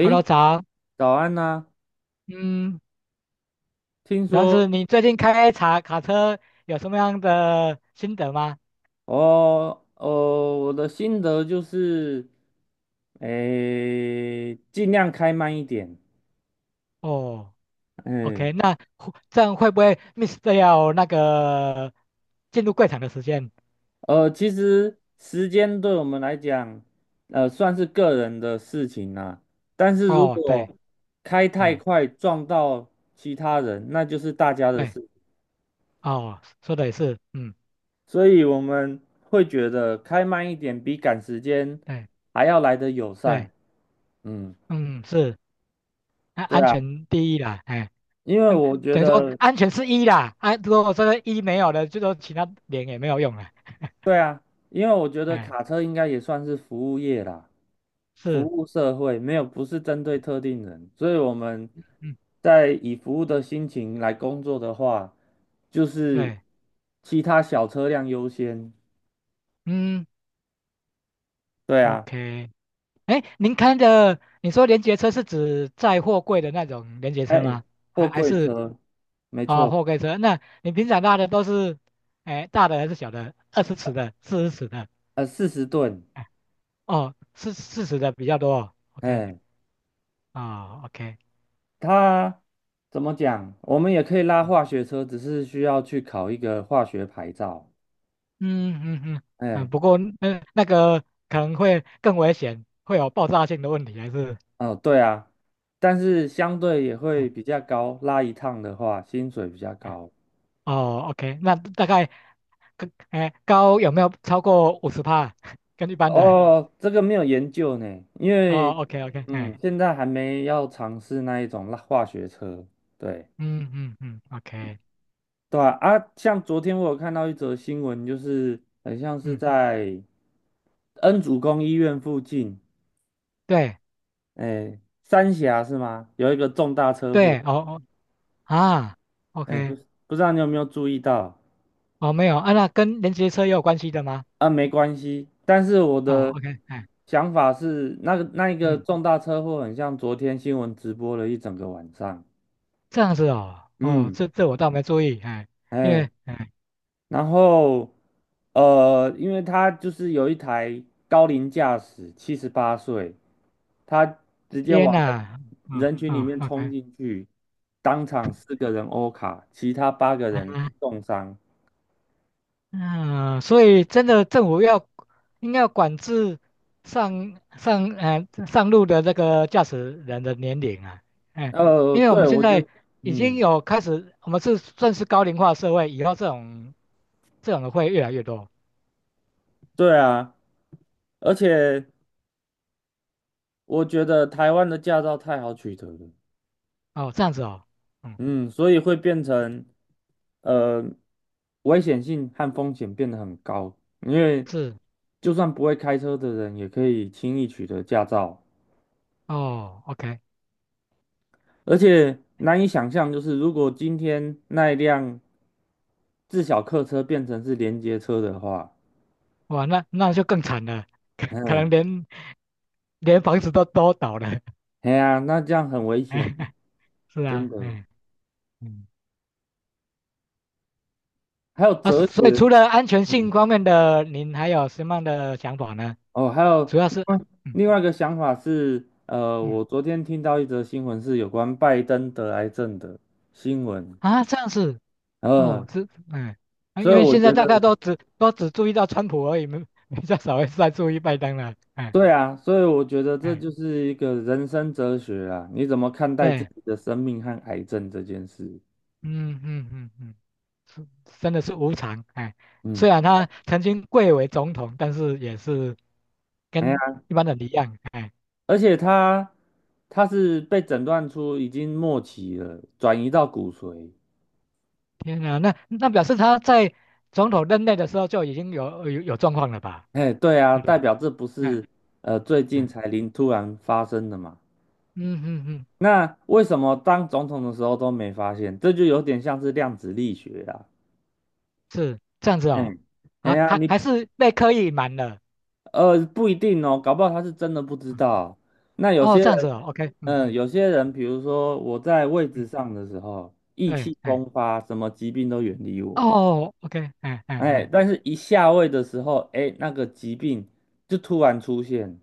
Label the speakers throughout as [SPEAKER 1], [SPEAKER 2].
[SPEAKER 1] Hello，早，
[SPEAKER 2] 早安呐、
[SPEAKER 1] 嗯，
[SPEAKER 2] 听
[SPEAKER 1] 然
[SPEAKER 2] 说
[SPEAKER 1] 后你最近开卡车有什么样的心得吗？
[SPEAKER 2] 哦哦，我的心得就是，诶，尽量开慢一点。
[SPEAKER 1] 哦
[SPEAKER 2] 嗯，
[SPEAKER 1] ，OK，那会这样会不会 miss 掉那个进入柜场的时间？
[SPEAKER 2] 其实时间对我们来讲，算是个人的事情啦、但是如
[SPEAKER 1] 哦，
[SPEAKER 2] 果
[SPEAKER 1] 对，
[SPEAKER 2] 开太
[SPEAKER 1] 哎，
[SPEAKER 2] 快撞到其他人，那就是大家的
[SPEAKER 1] 对，
[SPEAKER 2] 事。
[SPEAKER 1] 哦，说的也是，嗯，
[SPEAKER 2] 所以我们会觉得开慢一点比赶时间
[SPEAKER 1] 对
[SPEAKER 2] 还要来得友善。
[SPEAKER 1] 对，
[SPEAKER 2] 嗯，
[SPEAKER 1] 嗯，是，那
[SPEAKER 2] 对
[SPEAKER 1] 安
[SPEAKER 2] 啊。
[SPEAKER 1] 全第一啦，哎，
[SPEAKER 2] 因为
[SPEAKER 1] 嗯，
[SPEAKER 2] 我觉
[SPEAKER 1] 等于说
[SPEAKER 2] 得，
[SPEAKER 1] 安全是一啦，如果这个一没有了，就说其他点也没有用了，
[SPEAKER 2] 对啊，因为我觉得
[SPEAKER 1] 哎，
[SPEAKER 2] 卡车应该也算是服务业啦，服
[SPEAKER 1] 是，
[SPEAKER 2] 务社会，没有，不是针对特定人，所以我们
[SPEAKER 1] 嗯，
[SPEAKER 2] 在以服务的心情来工作的话，就是
[SPEAKER 1] 对，
[SPEAKER 2] 其他小车辆优先。
[SPEAKER 1] 嗯
[SPEAKER 2] 对啊，
[SPEAKER 1] ，OK。哎，您开的，你说连接车是指载货柜的那种连接车
[SPEAKER 2] 哎，
[SPEAKER 1] 吗？还
[SPEAKER 2] 货
[SPEAKER 1] 还
[SPEAKER 2] 柜
[SPEAKER 1] 是
[SPEAKER 2] 车，没
[SPEAKER 1] 啊、
[SPEAKER 2] 错，
[SPEAKER 1] 货柜车？那你平常拉的都是，哎，大的还是小的？20尺的、40尺的？
[SPEAKER 2] 40吨，
[SPEAKER 1] 哎，哦，四十的比较多哦。OK，
[SPEAKER 2] 哎，
[SPEAKER 1] 啊、OK，
[SPEAKER 2] 它怎么讲？我们也可以拉
[SPEAKER 1] 嗯
[SPEAKER 2] 化学车，只是需要去考一个化学牌照。
[SPEAKER 1] 嗯嗯嗯嗯，
[SPEAKER 2] 哎。
[SPEAKER 1] 不过那个可能会更危险，会有爆炸性的问题，还是？
[SPEAKER 2] 哦，对啊，但是相对也会
[SPEAKER 1] 哎
[SPEAKER 2] 比较高，拉一趟的话，薪水比较高。
[SPEAKER 1] 哦，OK，那大概高有没有超过50帕？跟一般的
[SPEAKER 2] 哦，这个没有研究呢，因为
[SPEAKER 1] 哦，OK OK，哎。
[SPEAKER 2] 现在还没要尝试那一种拉化学车。对，
[SPEAKER 1] 嗯嗯嗯，OK，
[SPEAKER 2] 对啊，啊，像昨天我有看到一则新闻，就是很像是
[SPEAKER 1] 嗯，
[SPEAKER 2] 在恩主公医院附近，
[SPEAKER 1] 对
[SPEAKER 2] 哎，三峡是吗？有一个重大车祸，
[SPEAKER 1] 对，哦哦啊
[SPEAKER 2] 哎，不
[SPEAKER 1] ，OK，
[SPEAKER 2] 不知道你有没有注意到？
[SPEAKER 1] 哦没有啊，那跟连接车也有关系的吗？
[SPEAKER 2] 啊，没关系。但是我
[SPEAKER 1] 哦
[SPEAKER 2] 的
[SPEAKER 1] ，OK，哎，
[SPEAKER 2] 想法是，那一个
[SPEAKER 1] 嗯，
[SPEAKER 2] 重大车祸很像昨天新闻直播了一整个晚上。
[SPEAKER 1] 这样子哦，哦，
[SPEAKER 2] 嗯，
[SPEAKER 1] 这这我倒没注意，哎，因
[SPEAKER 2] 哎，
[SPEAKER 1] 为哎，
[SPEAKER 2] 然后因为他就是有一台高龄驾驶，78岁，他直接
[SPEAKER 1] 天
[SPEAKER 2] 往
[SPEAKER 1] 哪，
[SPEAKER 2] 人
[SPEAKER 1] 啊
[SPEAKER 2] 人群里
[SPEAKER 1] 啊
[SPEAKER 2] 面
[SPEAKER 1] o
[SPEAKER 2] 冲
[SPEAKER 1] k
[SPEAKER 2] 进去，当场四个人欧卡，其他八个人
[SPEAKER 1] 啊
[SPEAKER 2] 重伤。
[SPEAKER 1] 嗯，所以真的政府要应该要管制上路的那个驾驶人的年龄啊，哎，因为我
[SPEAKER 2] 对，
[SPEAKER 1] 们现
[SPEAKER 2] 我觉得，
[SPEAKER 1] 在已经
[SPEAKER 2] 嗯，
[SPEAKER 1] 有开始，我们是算是高龄化社会，以后这种的会越来越多
[SPEAKER 2] 对啊，而且。我觉得台湾的驾照太好取得了，
[SPEAKER 1] 哦，这样子哦，嗯，
[SPEAKER 2] 嗯，所以会变成呃危险性和风险变得很高，因为
[SPEAKER 1] 是
[SPEAKER 2] 就算不会开车的人也可以轻易取得驾照，
[SPEAKER 1] 哦，OK，
[SPEAKER 2] 而且难以想象，就是如果今天那一辆自小客车变成是连接车的话，
[SPEAKER 1] 哇，那那就更惨了，可可能
[SPEAKER 2] 哎，
[SPEAKER 1] 连连房子都倒了，
[SPEAKER 2] 哎呀，那这样很危险，
[SPEAKER 1] 是
[SPEAKER 2] 真
[SPEAKER 1] 啊，
[SPEAKER 2] 的。
[SPEAKER 1] 嗯嗯，
[SPEAKER 2] 还有
[SPEAKER 1] 啊，
[SPEAKER 2] 哲
[SPEAKER 1] 所以
[SPEAKER 2] 学，
[SPEAKER 1] 除了安全性
[SPEAKER 2] 嗯
[SPEAKER 1] 方面的，您还有什么样的想法呢？
[SPEAKER 2] 哦，还有
[SPEAKER 1] 主要是，
[SPEAKER 2] 嗯
[SPEAKER 1] 嗯
[SPEAKER 2] 另外一个想法是，
[SPEAKER 1] 嗯
[SPEAKER 2] 我昨天听到一则新闻是有关拜登得癌症的新闻，
[SPEAKER 1] 啊，这样子哦，
[SPEAKER 2] 呃，
[SPEAKER 1] 是哎啊，
[SPEAKER 2] 所以
[SPEAKER 1] 因为
[SPEAKER 2] 我
[SPEAKER 1] 现在
[SPEAKER 2] 觉
[SPEAKER 1] 大家
[SPEAKER 2] 得，
[SPEAKER 1] 都只注意到川普而已，没比较少会再注意拜登了，哎
[SPEAKER 2] 对啊，所以我觉得这
[SPEAKER 1] 哎，
[SPEAKER 2] 就是一个人生哲学啊，你怎么看待自
[SPEAKER 1] 对，
[SPEAKER 2] 己的生命和癌症这件事？
[SPEAKER 1] 嗯嗯嗯嗯，是真的是无常，哎，
[SPEAKER 2] 嗯，
[SPEAKER 1] 虽然他曾经贵为总统，但是也是
[SPEAKER 2] 哎呀，
[SPEAKER 1] 跟一般人一样，哎，
[SPEAKER 2] 而且他是被诊断出已经末期了，转移到骨髓，
[SPEAKER 1] 天哪，那那表示他在总统任内的时候就已经有状况了吧，
[SPEAKER 2] 哎，对啊，
[SPEAKER 1] 对不对？
[SPEAKER 2] 代表这不
[SPEAKER 1] 哎
[SPEAKER 2] 是最近
[SPEAKER 1] 哎
[SPEAKER 2] 才突然发生的嘛。
[SPEAKER 1] 嗯嗯嗯
[SPEAKER 2] 那为什么当总统的时候都没发现？这就有点像是量子力学啊。
[SPEAKER 1] 是这样子哦，
[SPEAKER 2] 嗯，哎
[SPEAKER 1] 啊，
[SPEAKER 2] 呀，
[SPEAKER 1] 还
[SPEAKER 2] 你
[SPEAKER 1] 还是被刻意隐瞒了，
[SPEAKER 2] 不一定哦，搞不好他是真的不知
[SPEAKER 1] 嗯，
[SPEAKER 2] 道。那有
[SPEAKER 1] 哦，
[SPEAKER 2] 些
[SPEAKER 1] 这样子
[SPEAKER 2] 人，
[SPEAKER 1] 哦，OK，嗯
[SPEAKER 2] 嗯，
[SPEAKER 1] 嗯
[SPEAKER 2] 有些人，比如说我在位置
[SPEAKER 1] 嗯，
[SPEAKER 2] 上的时候，意
[SPEAKER 1] 对，
[SPEAKER 2] 气
[SPEAKER 1] 哎，
[SPEAKER 2] 风发，什么疾病都远离我。
[SPEAKER 1] 哦，OK，哎哎
[SPEAKER 2] 哎，
[SPEAKER 1] 哎，
[SPEAKER 2] 但是一下位的时候，哎，那个疾病就突然出现。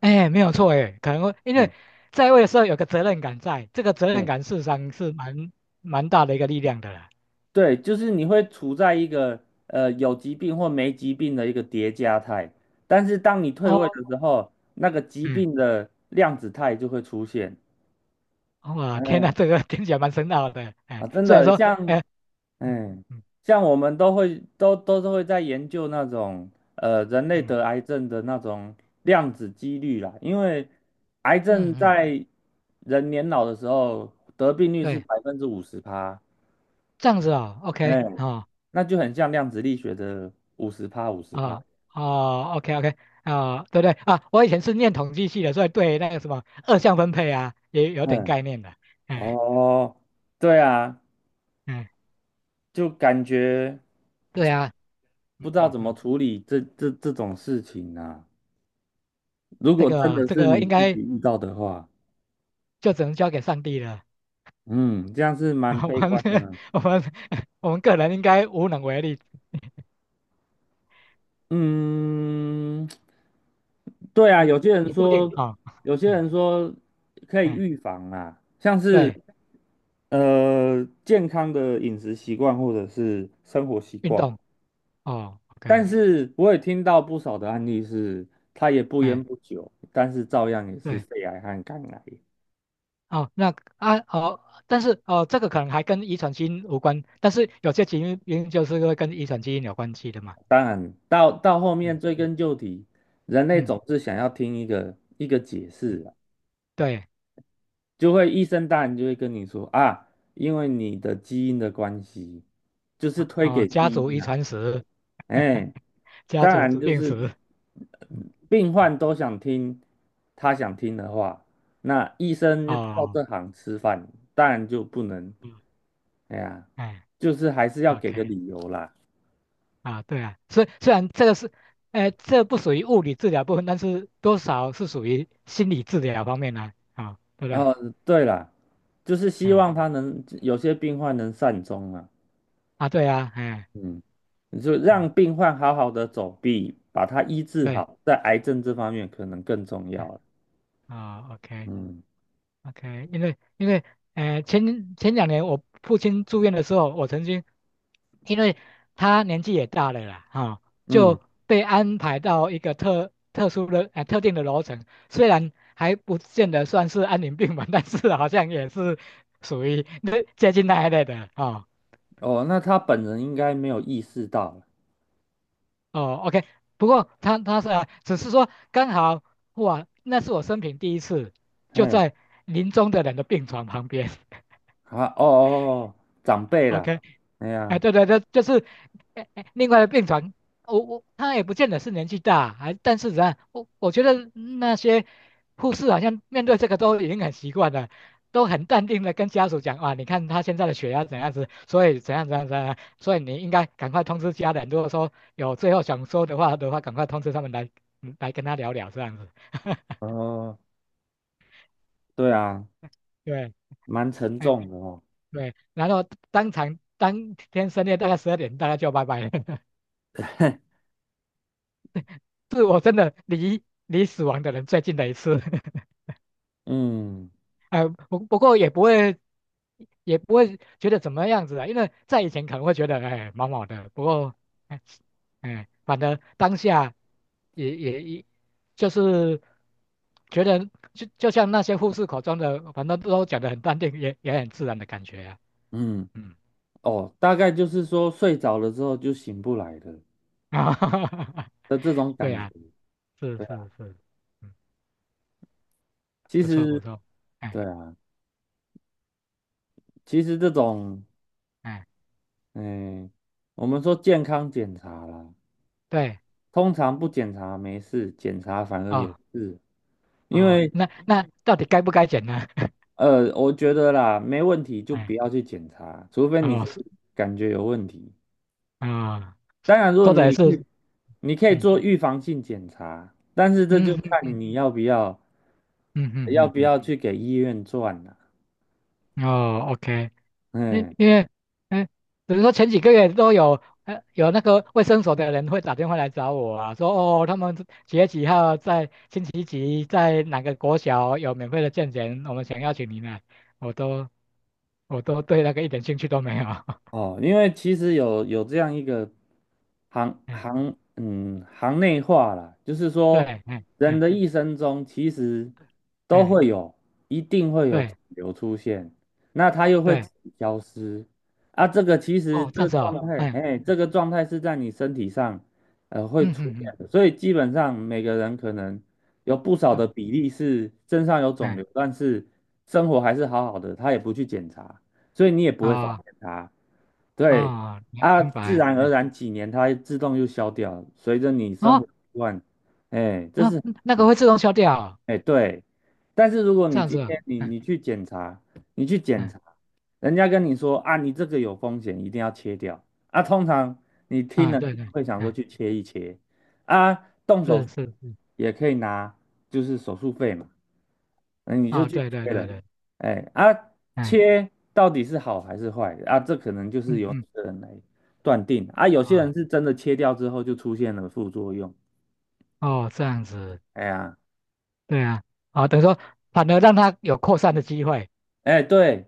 [SPEAKER 1] 哎，没有错，哎，可能会因为
[SPEAKER 2] 哎
[SPEAKER 1] 在位的时候有个责任感在，这个责任
[SPEAKER 2] 哎。
[SPEAKER 1] 感事实上是蛮大的一个力量的啦。
[SPEAKER 2] 对，就是你会处在一个有疾病或没疾病的一个叠加态，但是当你退位
[SPEAKER 1] 哦，
[SPEAKER 2] 的时候，那个疾
[SPEAKER 1] 嗯，
[SPEAKER 2] 病的量子态就会出现。
[SPEAKER 1] 哇，天呐，
[SPEAKER 2] 嗯
[SPEAKER 1] 这个听起来蛮深奥的，哎，
[SPEAKER 2] 啊，真
[SPEAKER 1] 虽然
[SPEAKER 2] 的
[SPEAKER 1] 说，哎，嗯
[SPEAKER 2] 嗯
[SPEAKER 1] 嗯
[SPEAKER 2] 像我们都是会在研究那种人类
[SPEAKER 1] 嗯
[SPEAKER 2] 得癌症的那种量子几率啦，因为癌症
[SPEAKER 1] 嗯嗯，
[SPEAKER 2] 在人年老的时候得病率是
[SPEAKER 1] 对，
[SPEAKER 2] 50%趴，
[SPEAKER 1] 这样子哦，OK，
[SPEAKER 2] 哎，
[SPEAKER 1] 哦
[SPEAKER 2] 那就很像量子力学的五十趴五十趴。
[SPEAKER 1] 啊哦，OK OK 啊，对对啊，我以前是念统计系的，所以对那个什么二项分配啊也有点
[SPEAKER 2] 嗯，
[SPEAKER 1] 概念的。哎
[SPEAKER 2] 哦，对啊，
[SPEAKER 1] 哎，
[SPEAKER 2] 就感觉
[SPEAKER 1] 对啊，嗯
[SPEAKER 2] 不知道
[SPEAKER 1] 嗯
[SPEAKER 2] 怎么
[SPEAKER 1] 嗯，
[SPEAKER 2] 处理这种事情啊。如
[SPEAKER 1] 这
[SPEAKER 2] 果真
[SPEAKER 1] 个
[SPEAKER 2] 的
[SPEAKER 1] 这
[SPEAKER 2] 是
[SPEAKER 1] 个
[SPEAKER 2] 你
[SPEAKER 1] 应
[SPEAKER 2] 自己
[SPEAKER 1] 该
[SPEAKER 2] 遇到的话，
[SPEAKER 1] 就只能交给上帝了。
[SPEAKER 2] 嗯，这样是 蛮
[SPEAKER 1] 我
[SPEAKER 2] 悲
[SPEAKER 1] 们
[SPEAKER 2] 观的
[SPEAKER 1] 我们我们个人应该无能为力，
[SPEAKER 2] 嗯，对啊，
[SPEAKER 1] 一
[SPEAKER 2] 有些人
[SPEAKER 1] 不一定
[SPEAKER 2] 说，
[SPEAKER 1] 啊。
[SPEAKER 2] 有些
[SPEAKER 1] 哎
[SPEAKER 2] 人说可以
[SPEAKER 1] 哎，
[SPEAKER 2] 预防啊，像是
[SPEAKER 1] 对，
[SPEAKER 2] 健康的饮食习惯或者是生活习
[SPEAKER 1] 运
[SPEAKER 2] 惯，
[SPEAKER 1] 动哦
[SPEAKER 2] 但
[SPEAKER 1] ，OK，
[SPEAKER 2] 是我也听到不少的案例是，他也不烟
[SPEAKER 1] 哎
[SPEAKER 2] 不酒，但是照样也是
[SPEAKER 1] 对
[SPEAKER 2] 肺癌和肝癌。
[SPEAKER 1] 哦，那啊哦，但是哦，这个可能还跟遗传基因无关，但是有些基因就是会跟遗传基因有关系的嘛。
[SPEAKER 2] 当然，到后面
[SPEAKER 1] 嗯
[SPEAKER 2] 追
[SPEAKER 1] 嗯
[SPEAKER 2] 根究底，人类
[SPEAKER 1] 嗯
[SPEAKER 2] 总是想要听一个一个解释
[SPEAKER 1] 嗯，
[SPEAKER 2] 啊，
[SPEAKER 1] 对
[SPEAKER 2] 就会医生当然就会跟你说啊，因为你的基因的关系，就是推
[SPEAKER 1] 啊、
[SPEAKER 2] 给
[SPEAKER 1] 家
[SPEAKER 2] 基
[SPEAKER 1] 族
[SPEAKER 2] 因
[SPEAKER 1] 遗
[SPEAKER 2] 啊。
[SPEAKER 1] 传史，
[SPEAKER 2] 哎，
[SPEAKER 1] 家
[SPEAKER 2] 当
[SPEAKER 1] 族
[SPEAKER 2] 然
[SPEAKER 1] 疾
[SPEAKER 2] 就
[SPEAKER 1] 病
[SPEAKER 2] 是
[SPEAKER 1] 史，嗯
[SPEAKER 2] 病
[SPEAKER 1] 嗯
[SPEAKER 2] 患都想听他想听的话，那医生就靠
[SPEAKER 1] 哦，
[SPEAKER 2] 这行吃饭，当然就不能，
[SPEAKER 1] 嗯，
[SPEAKER 2] 哎呀，
[SPEAKER 1] 哎
[SPEAKER 2] 就是还是要给个
[SPEAKER 1] ，OK
[SPEAKER 2] 理由啦。
[SPEAKER 1] 啊，对啊，虽虽然这个是，哎、这不属于物理治疗部分，但是多少是属于心理治疗方面呢、啊，对不对？
[SPEAKER 2] 哦，对啦，就是希
[SPEAKER 1] 哎，
[SPEAKER 2] 望他能有些病患能善终啊，
[SPEAKER 1] 啊，对啊，哎，
[SPEAKER 2] 嗯，你就
[SPEAKER 1] 嗯，
[SPEAKER 2] 让病患好好的走，比把他医治
[SPEAKER 1] 对，
[SPEAKER 2] 好，在癌症这方面可能更重要
[SPEAKER 1] 哎，
[SPEAKER 2] 了。
[SPEAKER 1] 啊，OK、o k
[SPEAKER 2] 嗯
[SPEAKER 1] OK，因为因为前2年我父亲住院的时候，我曾经因为他年纪也大了啦，哈、
[SPEAKER 2] 嗯，
[SPEAKER 1] 就被安排到一个特定的楼层，虽然还不见得算是安宁病房，但是好像也是属于那接近那一类的啊。
[SPEAKER 2] 哦，那他本人应该没有意识到了，
[SPEAKER 1] 哦，OK，不过他他是啊只是说刚好哇，那是我生平第一次就
[SPEAKER 2] 嘿
[SPEAKER 1] 在临终的人的病床旁边
[SPEAKER 2] 啊，哦哦哦，哦长 辈啦，
[SPEAKER 1] ，OK。
[SPEAKER 2] 哎
[SPEAKER 1] 哎，
[SPEAKER 2] 呀，
[SPEAKER 1] 对对对，就是哎哎另外的病床，我我他也不见得是年纪大，还但是啊，我我觉得那些护士好像面对这个都已经很习惯了，都很淡定的跟家属讲啊，你看他现在的血压怎样子，所以怎样怎样怎样，所以你应该赶快通知家人，如果说有最后想说的话的话，赶快通知他们来嗯来跟他聊聊这样子。
[SPEAKER 2] 哦，对啊，
[SPEAKER 1] 对，
[SPEAKER 2] 蛮沉
[SPEAKER 1] 哎
[SPEAKER 2] 重的哦，
[SPEAKER 1] 对，然后当场当天深夜大概12点，大概就拜拜了。是我真的离死亡的人最近的一次，
[SPEAKER 2] 嗯
[SPEAKER 1] 呃，不不过也不会，也不会觉得怎么样子啊，因为在以前可能会觉得哎毛毛的，不过哎哎，反正当下也就是觉得就像那些护士口中的，反正都讲得很淡定，也也很自然的感觉啊，
[SPEAKER 2] 嗯，
[SPEAKER 1] 嗯，
[SPEAKER 2] 哦，大概就是说睡着了之后就醒不来了
[SPEAKER 1] 啊，
[SPEAKER 2] 的这种
[SPEAKER 1] 对
[SPEAKER 2] 感觉，
[SPEAKER 1] 啊，是
[SPEAKER 2] 对啊
[SPEAKER 1] 是是，嗯，
[SPEAKER 2] 其
[SPEAKER 1] 不错不
[SPEAKER 2] 实
[SPEAKER 1] 错，哎
[SPEAKER 2] 对啊，其实这种，
[SPEAKER 1] 哎，
[SPEAKER 2] 嗯，我们说健康检查啦，
[SPEAKER 1] 对
[SPEAKER 2] 通常不检查没事，检查反而
[SPEAKER 1] 啊。
[SPEAKER 2] 有
[SPEAKER 1] 哦
[SPEAKER 2] 事，因
[SPEAKER 1] 哦，
[SPEAKER 2] 为
[SPEAKER 1] 那那到底该不该剪呢？
[SPEAKER 2] 我觉得啦，没问题就不
[SPEAKER 1] 哎，
[SPEAKER 2] 要去检查，除非你是
[SPEAKER 1] 哦是
[SPEAKER 2] 感觉有问题。
[SPEAKER 1] 啊、
[SPEAKER 2] 当然，如果
[SPEAKER 1] 说的也
[SPEAKER 2] 你
[SPEAKER 1] 是，
[SPEAKER 2] 去，你可以
[SPEAKER 1] 嗯
[SPEAKER 2] 做预防性检查，但是这就
[SPEAKER 1] 嗯嗯
[SPEAKER 2] 看
[SPEAKER 1] 嗯
[SPEAKER 2] 你要不要
[SPEAKER 1] 嗯
[SPEAKER 2] 要
[SPEAKER 1] 嗯
[SPEAKER 2] 不
[SPEAKER 1] 嗯
[SPEAKER 2] 要去给医院转了、
[SPEAKER 1] 嗯，哦，OK，因
[SPEAKER 2] 嗯，
[SPEAKER 1] 因为，嗯，比如说前几个月都有，有那个卫生所的人会打电话来找我啊，说哦，他们几月几号在星期几在哪个国小有免费的健检，我们想邀请您来，我都我都对那个一点兴趣都没有，
[SPEAKER 2] 哦，因为其实有这样一个行
[SPEAKER 1] 嗯，
[SPEAKER 2] 行嗯行内话啦，就是说
[SPEAKER 1] 对，嗯
[SPEAKER 2] 人
[SPEAKER 1] 嗯
[SPEAKER 2] 的一生中其实都
[SPEAKER 1] 嗯，
[SPEAKER 2] 会有，一定会有
[SPEAKER 1] 对
[SPEAKER 2] 肿瘤出现，那它又会
[SPEAKER 1] 对，
[SPEAKER 2] 自己消失啊。这个其实
[SPEAKER 1] 哦，这
[SPEAKER 2] 这
[SPEAKER 1] 样
[SPEAKER 2] 个
[SPEAKER 1] 子哦，
[SPEAKER 2] 状态，
[SPEAKER 1] 嗯
[SPEAKER 2] 哎，这个状态是在你身体上会
[SPEAKER 1] 嗯
[SPEAKER 2] 出
[SPEAKER 1] 嗯嗯。
[SPEAKER 2] 现的，所以基本上每个人可能有不少
[SPEAKER 1] 对
[SPEAKER 2] 的比例是身上有肿
[SPEAKER 1] 哎，
[SPEAKER 2] 瘤，但是生活还是好好的，他也不去检查。所以你也不会发
[SPEAKER 1] 啊
[SPEAKER 2] 现它。对
[SPEAKER 1] 啊，明
[SPEAKER 2] 啊，
[SPEAKER 1] 明
[SPEAKER 2] 自
[SPEAKER 1] 白，
[SPEAKER 2] 然而
[SPEAKER 1] 嗯，
[SPEAKER 2] 然几年它自动就消掉了随着你生
[SPEAKER 1] 哦，
[SPEAKER 2] 活习惯，哎，这是
[SPEAKER 1] 啊，那
[SPEAKER 2] 很
[SPEAKER 1] 个会自动消掉哦
[SPEAKER 2] 哎对。但是如果
[SPEAKER 1] 这
[SPEAKER 2] 你
[SPEAKER 1] 样
[SPEAKER 2] 今
[SPEAKER 1] 子哦
[SPEAKER 2] 天你
[SPEAKER 1] 嗯
[SPEAKER 2] 你去检查，你去检
[SPEAKER 1] 嗯
[SPEAKER 2] 查，人家跟你说啊，你这个有风险，一定要切掉啊。通常你听
[SPEAKER 1] 啊，
[SPEAKER 2] 了你
[SPEAKER 1] 对对，
[SPEAKER 2] 就会想说
[SPEAKER 1] 嗯，
[SPEAKER 2] 去切一切啊，动手
[SPEAKER 1] 是
[SPEAKER 2] 术
[SPEAKER 1] 是是，
[SPEAKER 2] 也可以拿，就是手术费嘛。嗯，你就
[SPEAKER 1] 哦，
[SPEAKER 2] 去
[SPEAKER 1] 对对
[SPEAKER 2] 切
[SPEAKER 1] 对
[SPEAKER 2] 了，
[SPEAKER 1] 对，
[SPEAKER 2] 哎啊，
[SPEAKER 1] 哎，
[SPEAKER 2] 切到底是好还是坏啊？这可能就是
[SPEAKER 1] 嗯
[SPEAKER 2] 由
[SPEAKER 1] 嗯
[SPEAKER 2] 个人来断定啊。有些
[SPEAKER 1] 啊，
[SPEAKER 2] 人是真的切掉之后就出现了副作用，
[SPEAKER 1] 哦，这样子，
[SPEAKER 2] 哎呀，
[SPEAKER 1] 对啊，啊，等于说反而让它有扩散的机会，
[SPEAKER 2] 哎对，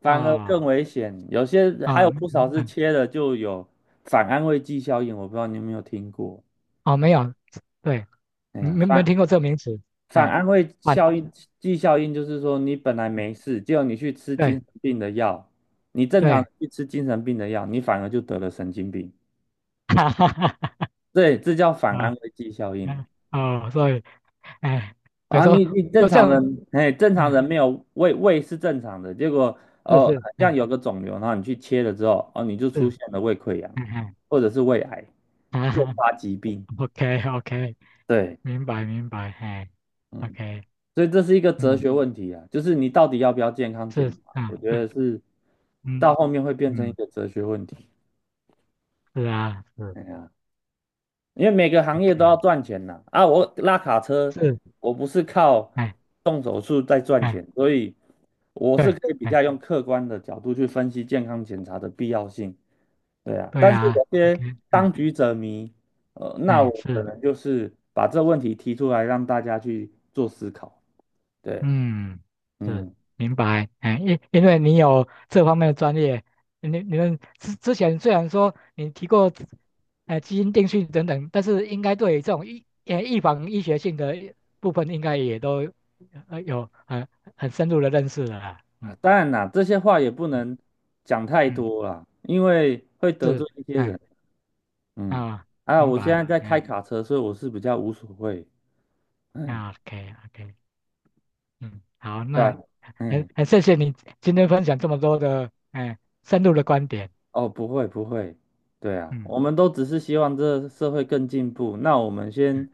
[SPEAKER 2] 反而更
[SPEAKER 1] 哦，
[SPEAKER 2] 危险。有些还
[SPEAKER 1] 啊，
[SPEAKER 2] 有不少
[SPEAKER 1] 嗯
[SPEAKER 2] 是
[SPEAKER 1] 嗯，
[SPEAKER 2] 切了就有反安慰剂效应，我不知道你有没有听过。
[SPEAKER 1] 哦，没有，对，
[SPEAKER 2] 哎呀，
[SPEAKER 1] 没没
[SPEAKER 2] 反
[SPEAKER 1] 听过这个名词，
[SPEAKER 2] 反
[SPEAKER 1] 哎，
[SPEAKER 2] 安慰
[SPEAKER 1] 反，
[SPEAKER 2] 效应剂效应就是说，你本来没事，结果你去吃精
[SPEAKER 1] 对
[SPEAKER 2] 神病的药，你正常
[SPEAKER 1] 对，
[SPEAKER 2] 去吃精神病的药，你反而就得了神经病。
[SPEAKER 1] 哈哈哈，
[SPEAKER 2] 对，这叫反安
[SPEAKER 1] 啊，
[SPEAKER 2] 慰剂效应
[SPEAKER 1] 嗯哦，所以，哎，等
[SPEAKER 2] 啊！
[SPEAKER 1] 于
[SPEAKER 2] 啊
[SPEAKER 1] 说
[SPEAKER 2] 你正
[SPEAKER 1] 就
[SPEAKER 2] 常
[SPEAKER 1] 像。
[SPEAKER 2] 人，哎，正常人
[SPEAKER 1] 嗯
[SPEAKER 2] 没有胃是正常的，结果
[SPEAKER 1] 是
[SPEAKER 2] 哦，
[SPEAKER 1] 是，
[SPEAKER 2] 像
[SPEAKER 1] 哎，
[SPEAKER 2] 有个肿瘤，然后你去切了之后，哦，你就出
[SPEAKER 1] 是，
[SPEAKER 2] 现了胃溃疡
[SPEAKER 1] 嗯哼，
[SPEAKER 2] 或者是胃癌，
[SPEAKER 1] 啊
[SPEAKER 2] 诱
[SPEAKER 1] 哈
[SPEAKER 2] 发疾病。
[SPEAKER 1] ，OK OK，
[SPEAKER 2] 对，
[SPEAKER 1] 明白明白，嘿 o
[SPEAKER 2] 嗯，
[SPEAKER 1] k
[SPEAKER 2] 所以这是一个哲
[SPEAKER 1] 嗯，
[SPEAKER 2] 学问题啊，就是你到底要不要健康
[SPEAKER 1] 是，
[SPEAKER 2] 检查？我
[SPEAKER 1] 啊，
[SPEAKER 2] 觉
[SPEAKER 1] 对，
[SPEAKER 2] 得是到
[SPEAKER 1] 嗯
[SPEAKER 2] 后面会变成一
[SPEAKER 1] 嗯，
[SPEAKER 2] 个哲学问题。
[SPEAKER 1] 是啊，是
[SPEAKER 2] 哎呀。因为每个行业都要
[SPEAKER 1] ，OK，
[SPEAKER 2] 赚钱呐。啊，我拉卡车，
[SPEAKER 1] 是，
[SPEAKER 2] 我不是靠
[SPEAKER 1] 哎
[SPEAKER 2] 动手术在赚
[SPEAKER 1] 哎，
[SPEAKER 2] 钱，所以我是
[SPEAKER 1] 对，
[SPEAKER 2] 可以比
[SPEAKER 1] 哎
[SPEAKER 2] 较用客观的角度去分析健康检查的必要性。对啊，
[SPEAKER 1] 对
[SPEAKER 2] 但是
[SPEAKER 1] 啊
[SPEAKER 2] 有些
[SPEAKER 1] ，OK，哎
[SPEAKER 2] 当局者迷，那
[SPEAKER 1] 哎
[SPEAKER 2] 我可
[SPEAKER 1] 是。
[SPEAKER 2] 能就是把这问题提出来让大家去做思考。对，
[SPEAKER 1] 嗯，是
[SPEAKER 2] 嗯，
[SPEAKER 1] 明白，哎，因因为你有这方面的专业，你们之前虽然说你提过，哎，基因定序等等，但是应该对于这种预防医学性的部分，应该也都有很深入的认识了啦，
[SPEAKER 2] 啊，
[SPEAKER 1] 嗯
[SPEAKER 2] 当然啦，这些话也不
[SPEAKER 1] 嗯
[SPEAKER 2] 能讲太
[SPEAKER 1] 嗯，
[SPEAKER 2] 多啦，因为会得
[SPEAKER 1] 是，
[SPEAKER 2] 罪一些人。
[SPEAKER 1] 哎
[SPEAKER 2] 嗯，
[SPEAKER 1] 啊，
[SPEAKER 2] 啊，
[SPEAKER 1] 明
[SPEAKER 2] 我现
[SPEAKER 1] 白，
[SPEAKER 2] 在在开
[SPEAKER 1] 哎
[SPEAKER 2] 卡车，所以我是比较无所谓。嗯，
[SPEAKER 1] 啊，OK OK，嗯，好，
[SPEAKER 2] 对
[SPEAKER 1] 那
[SPEAKER 2] 吧？
[SPEAKER 1] 很
[SPEAKER 2] 嗯，
[SPEAKER 1] 很谢谢你今天分享这么多的哎深入的观点，
[SPEAKER 2] 哦，不会不会，对啊，
[SPEAKER 1] 嗯
[SPEAKER 2] 我们都只是希望这个社会更进步。那我们
[SPEAKER 1] 嗯
[SPEAKER 2] 先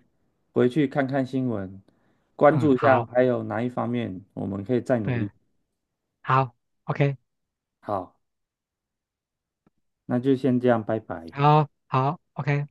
[SPEAKER 2] 回去看看新闻，关
[SPEAKER 1] 嗯，
[SPEAKER 2] 注一下
[SPEAKER 1] 好。
[SPEAKER 2] 还有哪一方面我们可以再努
[SPEAKER 1] 对，
[SPEAKER 2] 力。
[SPEAKER 1] 好，OK，
[SPEAKER 2] 好，那就先这样，拜拜。
[SPEAKER 1] 好，好，OK。